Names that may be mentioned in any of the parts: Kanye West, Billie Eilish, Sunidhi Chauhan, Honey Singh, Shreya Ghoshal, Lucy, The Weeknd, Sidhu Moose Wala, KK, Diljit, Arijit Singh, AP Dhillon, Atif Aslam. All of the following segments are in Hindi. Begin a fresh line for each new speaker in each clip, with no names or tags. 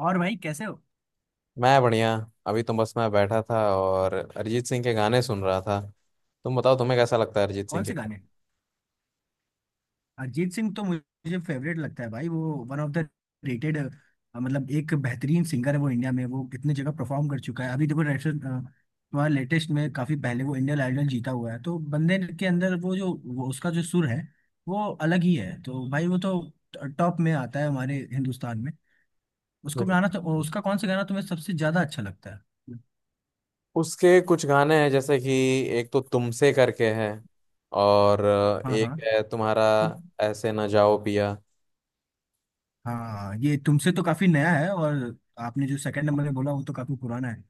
और भाई, कैसे हो।
मैं बढ़िया। अभी तो बस मैं बैठा था और अरिजीत सिंह के गाने सुन रहा था। तुम बताओ तुम्हें कैसा लगता है अरिजीत
कौन
सिंह के
से
गाने?
गाने। अरिजीत सिंह तो मुझे फेवरेट लगता है भाई। वो वन ऑफ द रेटेड, मतलब एक बेहतरीन सिंगर है वो इंडिया में। वो कितने जगह परफॉर्म कर चुका है। अभी देखो, रेसेंट तुम्हारा लेटेस्ट में, काफी पहले वो इंडियन आइडल जीता हुआ है। तो बंदे के अंदर वो जो वो उसका जो सुर है वो अलग ही है। तो भाई वो तो टॉप में आता है हमारे हिंदुस्तान में। उसको गाना, तो
बिल्कुल।
उसका कौन सा गाना तुम्हें सबसे ज्यादा अच्छा लगता है।
उसके कुछ गाने हैं जैसे कि एक तो तुमसे करके है, और
हाँ
एक
हाँ।
है तुम्हारा
तो-
ऐसे ना जाओ पिया।
हाँ, ये तुमसे तो काफी नया है। और आपने जो सेकंड नंबर में बोला वो तो काफी पुराना है।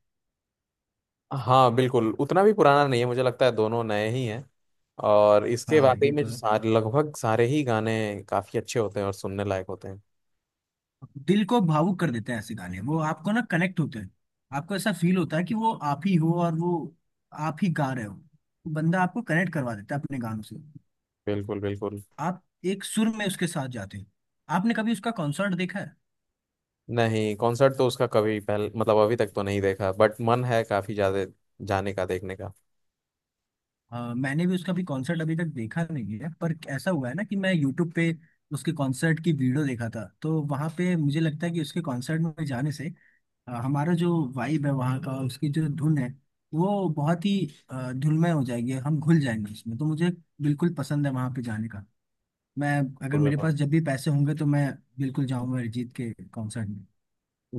हाँ बिल्कुल, उतना भी पुराना नहीं है, मुझे लगता है दोनों नए ही हैं। और इसके
हाँ,
वाकई
ये
में
तो है।
सारे, लगभग सारे ही गाने काफी अच्छे होते हैं और सुनने लायक होते हैं।
दिल को भावुक कर देते हैं ऐसे गाने। वो आपको ना कनेक्ट होते हैं। आपको ऐसा फील होता है कि वो आप ही हो और वो आप ही गा रहे हो। तो बंदा आपको कनेक्ट करवा देता है अपने गानों से।
बिल्कुल बिल्कुल।
आप एक सुर में उसके साथ जाते हो। आपने कभी उसका कॉन्सर्ट देखा है।
नहीं, कॉन्सर्ट तो उसका कभी पहले मतलब अभी तक तो नहीं देखा, बट मन है काफी ज्यादा जाने का, देखने का।
मैंने भी उसका भी कॉन्सर्ट अभी तक देखा नहीं है, पर ऐसा हुआ है ना कि मैं यूट्यूब पे उसके कॉन्सर्ट की वीडियो देखा था। तो वहां पे मुझे लगता है कि उसके कॉन्सर्ट में जाने से हमारा जो वाइब है वहाँ का, उसकी जो धुन है वो बहुत ही धुनमय हो जाएगी। हम घुल जाएंगे उसमें। तो मुझे बिल्कुल पसंद है वहाँ पे जाने का। मैं, अगर मेरे
बिल्कुल
पास जब भी पैसे होंगे तो मैं बिल्कुल जाऊंगा अरिजीत के कॉन्सर्ट में।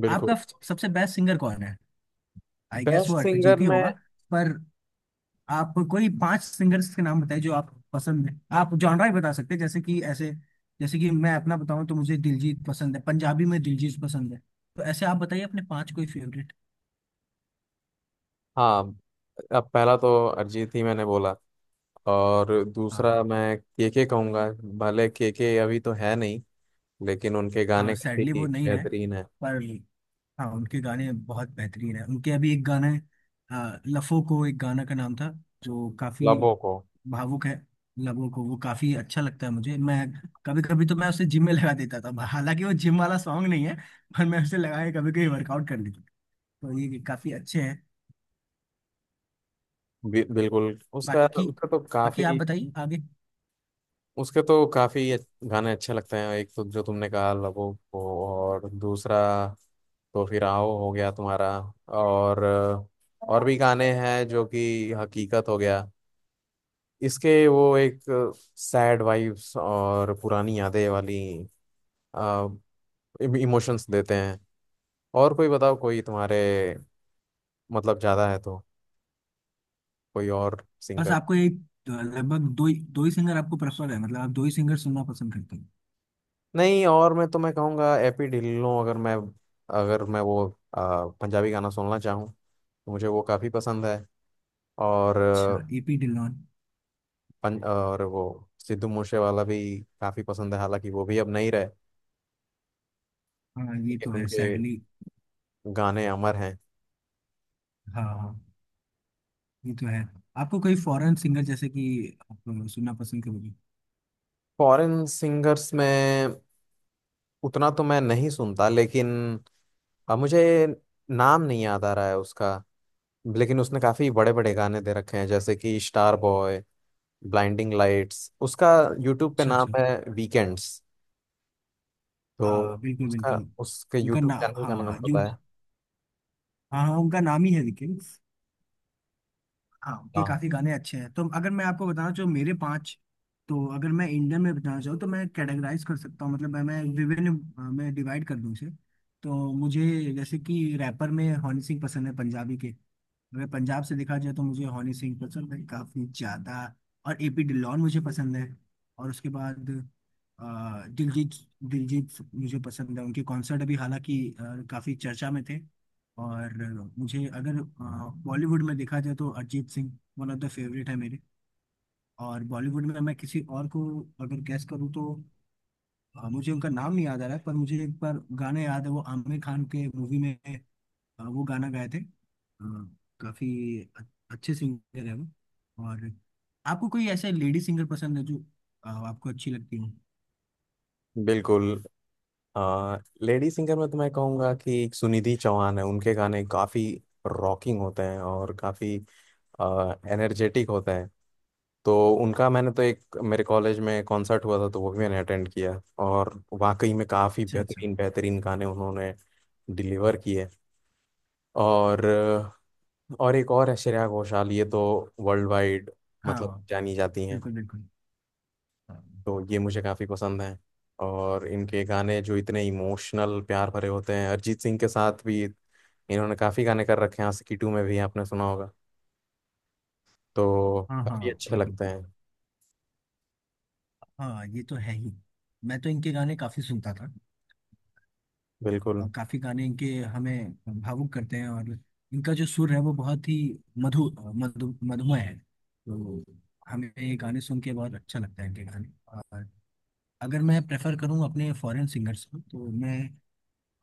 बिल्कुल।
आपका सबसे बेस्ट सिंगर कौन है। आई गेस वो
बेस्ट सिंगर
अरिजीत ही
में,
होगा। पर आप कोई पांच सिंगर्स के नाम बताइए जो आप पसंद है। आप जॉनरा ही बता सकते हैं, जैसे कि ऐसे, जैसे कि मैं अपना बताऊं तो मुझे दिलजीत पसंद है, पंजाबी में दिलजीत पसंद है। तो ऐसे आप बताइए अपने पांच कोई फेवरेट।
हाँ, अब पहला तो अरिजीत ही मैंने बोला और दूसरा
हाँ,
मैं केके कहूंगा। भले केके अभी तो है नहीं, लेकिन उनके
हाँ
गाने
सैडली
काफी
वो नहीं रहे।
बेहतरीन है।
पर हाँ, उनके गाने बहुत बेहतरीन है। उनके अभी एक गाना है, लफो को, एक गाना का नाम था जो काफी
लबों को।
भावुक है। लबों को, वो काफी अच्छा लगता है मुझे। मैं कभी कभी तो मैं उसे जिम में लगा देता था। हालांकि वो जिम वाला सॉन्ग नहीं है, पर मैं उसे लगा के कभी कभी वर्कआउट कर लेता था। तो ये काफी अच्छे हैं।
बिल्कुल उसका
बाकी,
उसका तो
बाकी आप
काफी,
बताइए आगे।
उसके तो काफी गाने अच्छे लगते हैं। एक तो जो तुमने कहा लबों को, और दूसरा तो फिर आओ हो गया तुम्हारा। और और भी गाने हैं जो कि हकीकत हो गया, इसके वो एक सैड वाइब्स और पुरानी यादें वाली इमोशंस देते हैं। और कोई बताओ कोई तुम्हारे, मतलब ज्यादा है तो कोई और
बस,
सिंगर।
आपको एक, लगभग दो ही सिंगर आपको प्रेफर है। मतलब आप दो ही सिंगर सुनना पसंद करते हैं।
नहीं, और मैं तुम्हें कहूँगा एपी ढिल्लों, अगर मैं अगर मैं वो पंजाबी गाना सुनना चाहूँ तो मुझे वो काफ़ी पसंद है। और
अच्छा एपी डिलॉन।
और वो सिद्धू मूसे वाला भी काफ़ी पसंद है, हालांकि वो भी अब नहीं रहे।
हाँ, ये तो
लेकिन
है
उनके
सैडली।
गाने अमर हैं।
हाँ हाँ, ये तो है। आपको कोई फॉरेन सिंगर जैसे कि आप सुनना पसंद करोगे।
फॉरेन सिंगर्स में उतना तो मैं नहीं सुनता, लेकिन अब मुझे नाम नहीं याद आ रहा है उसका। लेकिन उसने काफ़ी बड़े बड़े गाने दे रखे हैं जैसे कि स्टार बॉय, ब्लाइंडिंग लाइट्स। उसका यूट्यूब पे
अच्छा
नाम
अच्छा।
है वीकेंड्स, तो
हाँ बिल्कुल
उसका,
बिल्कुल।
उसके
उनका
यूट्यूब
ना,
चैनल का नाम
हाँ जो,
पता है।
हाँ हाँ, उनका नाम ही है लेकिन। हाँ, उनके
हाँ
काफी गाने अच्छे हैं। तो अगर मैं आपको बताना चाहूँ मेरे पाँच, तो अगर मैं इंडियन में बताना चाहूँ तो मैं कैटेगराइज कर सकता हूँ। मतलब मैं विभिन्न, मैं डिवाइड कर दूँ उसे। तो मुझे, जैसे कि रैपर में हनी सिंह पसंद है, पंजाबी के। अगर पंजाब से देखा जाए तो मुझे हनी सिंह पसंद है काफी ज्यादा। और एपी डिलॉन मुझे पसंद है। और उसके बाद अ, दिलजीत, दिलजीत मुझे पसंद है। उनके कॉन्सर्ट अभी हालांकि काफी चर्चा में थे। और मुझे अगर बॉलीवुड में देखा जाए तो Arijit Singh one of the favourite है मेरे। और बॉलीवुड में मैं किसी और को अगर गैस करूँ तो मुझे उनका नाम नहीं याद आ रहा है, पर मुझे एक बार गाने याद है। वो आमिर खान के मूवी में वो गाना गाए थे। काफी अ- अच्छे सिंगर है वो। और आपको कोई ऐसे लेडी सिंगर पसंद है जो आपको अच्छी लगती हो।
बिल्कुल। आ, लेडी सिंगर में तो मैं कहूँगा कि एक सुनिधि चौहान है, उनके गाने काफ़ी रॉकिंग होते हैं और काफ़ी एनर्जेटिक होते हैं। तो उनका मैंने तो एक, मेरे कॉलेज में कॉन्सर्ट हुआ था तो वो भी मैंने अटेंड किया। और वाकई में काफ़ी
अच्छा अच्छा।
बेहतरीन बेहतरीन गाने उन्होंने डिलीवर किए। और और एक और है श्रेया घोषाल, ये तो वर्ल्ड वाइड मतलब
हाँ
जानी जाती हैं।
बिल्कुल बिल्कुल। हाँ।
तो ये मुझे काफ़ी पसंद हैं। और इनके गाने जो इतने इमोशनल प्यार भरे होते हैं, अरिजीत सिंह के साथ भी इन्होंने काफ़ी गाने कर रखे हैं, आशिकी टू में भी आपने सुना होगा। तो
हाँ हाँ
काफ़ी अच्छे
बिल्कुल।
लगते हैं।
हाँ, ये तो है ही। मैं तो इनके गाने काफी सुनता था।
बिल्कुल।
और काफी गाने इनके हमें भावुक करते हैं। और इनका जो सुर है वो बहुत ही मधु मधु मधुमय है। तो हमें ये गाने सुन के बहुत अच्छा लगता है इनके गाने। अगर मैं प्रेफर करूं अपने फॉरेन सिंगर्स को तो मैं,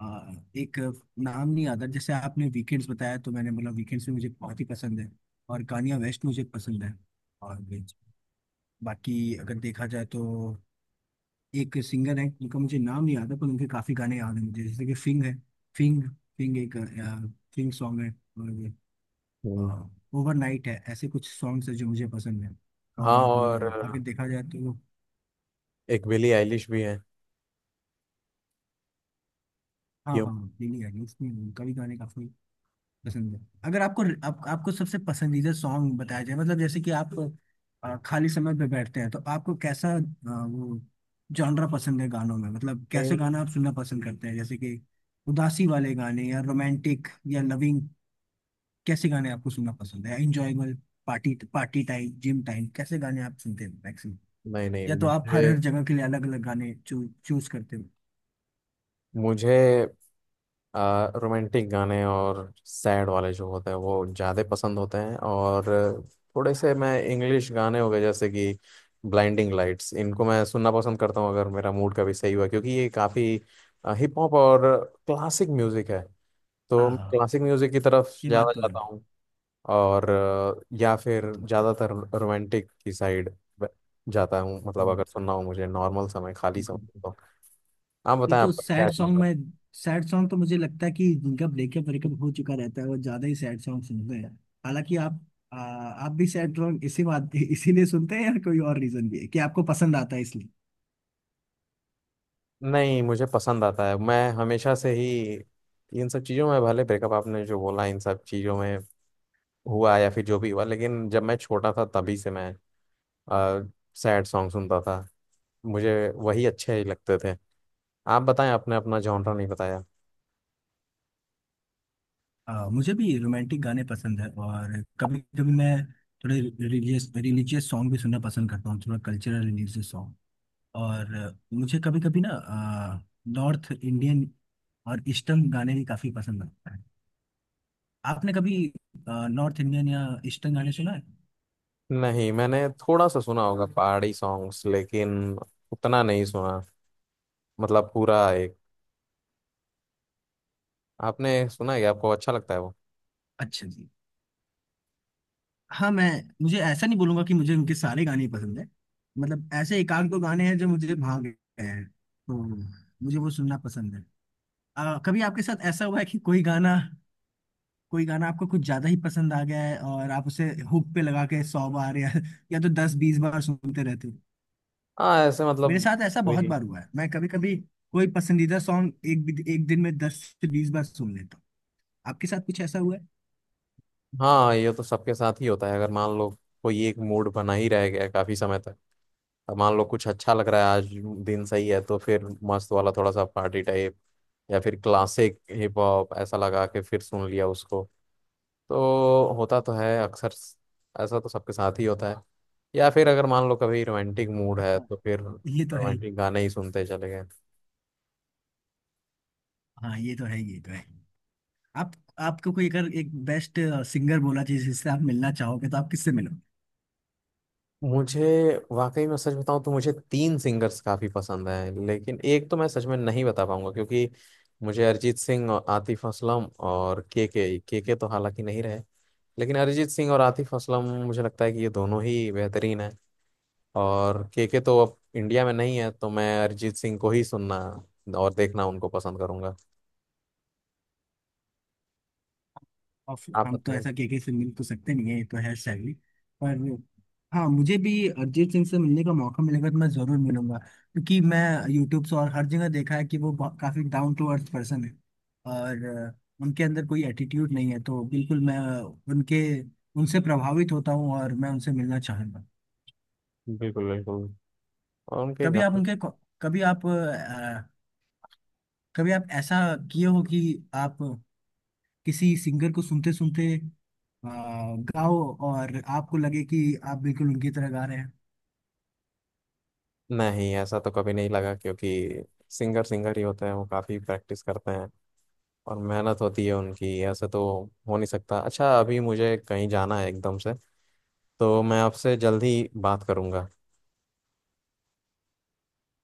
आ, एक नाम नहीं आता। जैसे आपने वीकेंड्स बताया तो मैंने बोला वीकेंड्स भी मुझे बहुत ही पसंद है। और कान्या वेस्ट मुझे पसंद है। और भी बाकी, अगर देखा जाए तो, एक सिंगर है उनका मुझे नाम नहीं आता, पर उनके काफ़ी गाने याद हैं मुझे। जैसे कि फिंग है, फिंग, फिंग एक फिंग सॉन्ग है।
हम्म।
और ओवरनाइट है, ऐसे कुछ सॉन्ग्स है जो मुझे पसंद है।
हाँ,
और
और
अगर देखा जाए तो,
एक बिली आइलिश भी है।
हाँ
क्यों?
हाँ। नहीं नहीं, उसमें उनका भी गाने काफ़ी पसंद है। अगर आपको आपको सबसे पसंदीदा सॉन्ग बताया जाए मतलब, जैसे कि आप खाली समय पे बैठते हैं तो आपको कैसा, वो जॉनरा पसंद है गानों में। मतलब कैसे गाना आप सुनना पसंद करते हैं, जैसे कि उदासी वाले गाने या रोमांटिक या लविंग, कैसे गाने आपको सुनना पसंद है? Enjoyable, party party time, gym time, कैसे गाने आप सुनते हैं मैक्सिमम।
नहीं नहीं,
या तो आप
मुझे,
हर हर जगह के लिए अलग अलग गाने चूज करते हो।
मुझे रोमांटिक गाने और सैड वाले जो होते हैं वो ज़्यादा पसंद होते हैं। और थोड़े से मैं इंग्लिश गाने हो गए जैसे कि ब्लाइंडिंग लाइट्स, इनको मैं सुनना पसंद करता हूँ अगर मेरा मूड कभी सही हुआ, क्योंकि ये काफ़ी हिप हॉप और क्लासिक म्यूज़िक है। तो
हाँ
मैं
हाँ,
क्लासिक म्यूज़िक की तरफ
ये
ज़्यादा
बात तो है।
जाता हूँ। और या फिर
ये तो है।
ज़्यादातर रोमांटिक की साइड जाता हूँ, मतलब
हम्म,
अगर सुनना हो मुझे, नॉर्मल समय, खाली समय
बिल्कुल बिल्कुल।
तो। आप
ये
बताएं
तो,
आपका क्या
सैड सॉन्ग
है।
में, सैड सॉन्ग तो मुझे लगता है कि जिनका ब्रेकअप ब्रेकअप हो चुका रहता है वो ज्यादा ही सैड सॉन्ग सुनते हैं। हालांकि आप, आप भी सैड सॉन्ग इसी बात इसीलिए सुनते हैं, या कोई और रीजन भी है कि आपको पसंद आता है इसलिए?
नहीं मुझे पसंद आता है, मैं हमेशा से ही इन सब चीज़ों में, भले ब्रेकअप आपने जो बोला इन सब चीज़ों में हुआ या फिर जो भी हुआ, लेकिन जब मैं छोटा था तभी से मैं सैड सॉन्ग सुनता था, मुझे वही अच्छे ही लगते थे। आप बताएं आपने अपना जॉनरा नहीं बताया।
मुझे भी रोमांटिक गाने पसंद है। और कभी कभी मैं थोड़े रिलीजियस रिलीजियस सॉन्ग भी सुनना पसंद करता हूँ, थोड़ा कल्चरल रिलीजियस सॉन्ग। और मुझे कभी कभी ना, नॉर्थ इंडियन और ईस्टर्न गाने भी काफी पसंद आता है। आपने कभी नॉर्थ इंडियन या ईस्टर्न गाने सुना है?
नहीं, मैंने थोड़ा सा सुना होगा पहाड़ी सॉन्ग्स, लेकिन उतना नहीं सुना, मतलब पूरा एक। आपने सुना है क्या? आपको अच्छा लगता है वो?
अच्छा जी। हाँ मैं, मुझे ऐसा नहीं बोलूंगा कि मुझे उनके सारे गाने ही पसंद है। मतलब ऐसे एक आध दो गाने हैं जो मुझे भाग गए हैं, तो मुझे वो सुनना पसंद है। कभी आपके साथ ऐसा हुआ है कि कोई गाना, कोई गाना आपको कुछ ज्यादा ही पसंद आ गया है और आप उसे हुक पे लगा के 100 बार, या तो 10-20 बार सुनते रहते हो?
हाँ ऐसे,
मेरे
मतलब
साथ ऐसा बहुत
वही।
बार हुआ है। मैं कभी कभी कोई पसंदीदा सॉन्ग एक दिन में 10 से 20 बार सुन लेता हूँ। आपके साथ कुछ ऐसा हुआ है?
हाँ ये तो सबके साथ ही होता है। अगर मान लो कोई एक मूड बना ही रह गया काफी समय तक, अब मान लो कुछ अच्छा लग रहा है आज, दिन सही है तो फिर मस्त वाला, थोड़ा सा पार्टी टाइप, या फिर क्लासिक हिप हॉप ऐसा लगा के फिर सुन लिया उसको। तो होता तो है अक्सर, ऐसा तो सबके साथ ही होता है। या फिर अगर मान लो कभी रोमांटिक मूड है
हाँ,
तो फिर
ये तो है ही।
रोमांटिक गाने ही सुनते चले गए।
हाँ ये तो है ही, ये तो है। आप, आपको कोई अगर एक बेस्ट सिंगर बोला चाहिए जिससे आप मिलना चाहोगे तो आप किससे मिलोगे?
मुझे, वाकई में सच बताऊं तो मुझे तीन सिंगर्स काफी पसंद हैं, लेकिन एक तो मैं सच में नहीं बता पाऊंगा क्योंकि मुझे अरिजीत सिंह और आतिफ असलम और के, के तो हालांकि नहीं रहे, लेकिन अरिजीत सिंह और आतिफ असलम मुझे लगता है कि ये दोनों ही बेहतरीन हैं। और के तो अब इंडिया में नहीं है, तो मैं अरिजीत सिंह को ही सुनना और देखना, उनको पसंद करूंगा।
ऑफ
आप
हम तो
बताएं।
ऐसा केके से मिल तो सकते नहीं है, ये तो है शैली। पर हाँ, मुझे भी अरिजीत सिंह से मिलने का मौका मिलेगा तो मैं जरूर मिलूंगा, क्योंकि मैं यूट्यूब से और हर जगह देखा है कि वो काफी डाउन टू अर्थ पर्सन है। और उनके अंदर कोई एटीट्यूड नहीं है। तो बिल्कुल मैं उनके, उनसे प्रभावित होता हूँ और मैं उनसे मिलना चाहूंगा।
बिल्कुल बिल्कुल, और उनके
कभी आप
गाने।
उनके कभी आप कभी आप ऐसा किए हो कि आप किसी सिंगर को सुनते सुनते गाओ, और आपको लगे कि आप बिल्कुल उनकी तरह गा रहे हैं।
नहीं ऐसा तो कभी नहीं लगा, क्योंकि सिंगर सिंगर ही होते हैं, वो काफी प्रैक्टिस करते हैं और मेहनत होती है उनकी, ऐसे तो हो नहीं सकता। अच्छा, अभी मुझे कहीं जाना है एकदम से, तो मैं आपसे जल्दी बात करूंगा।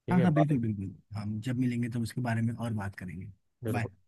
ठीक
हाँ
है,
हाँ
बाय।
बिल्कुल बिल्कुल, हम जब मिलेंगे तो उसके बारे में और बात करेंगे।
बिल्कुल।
बाय।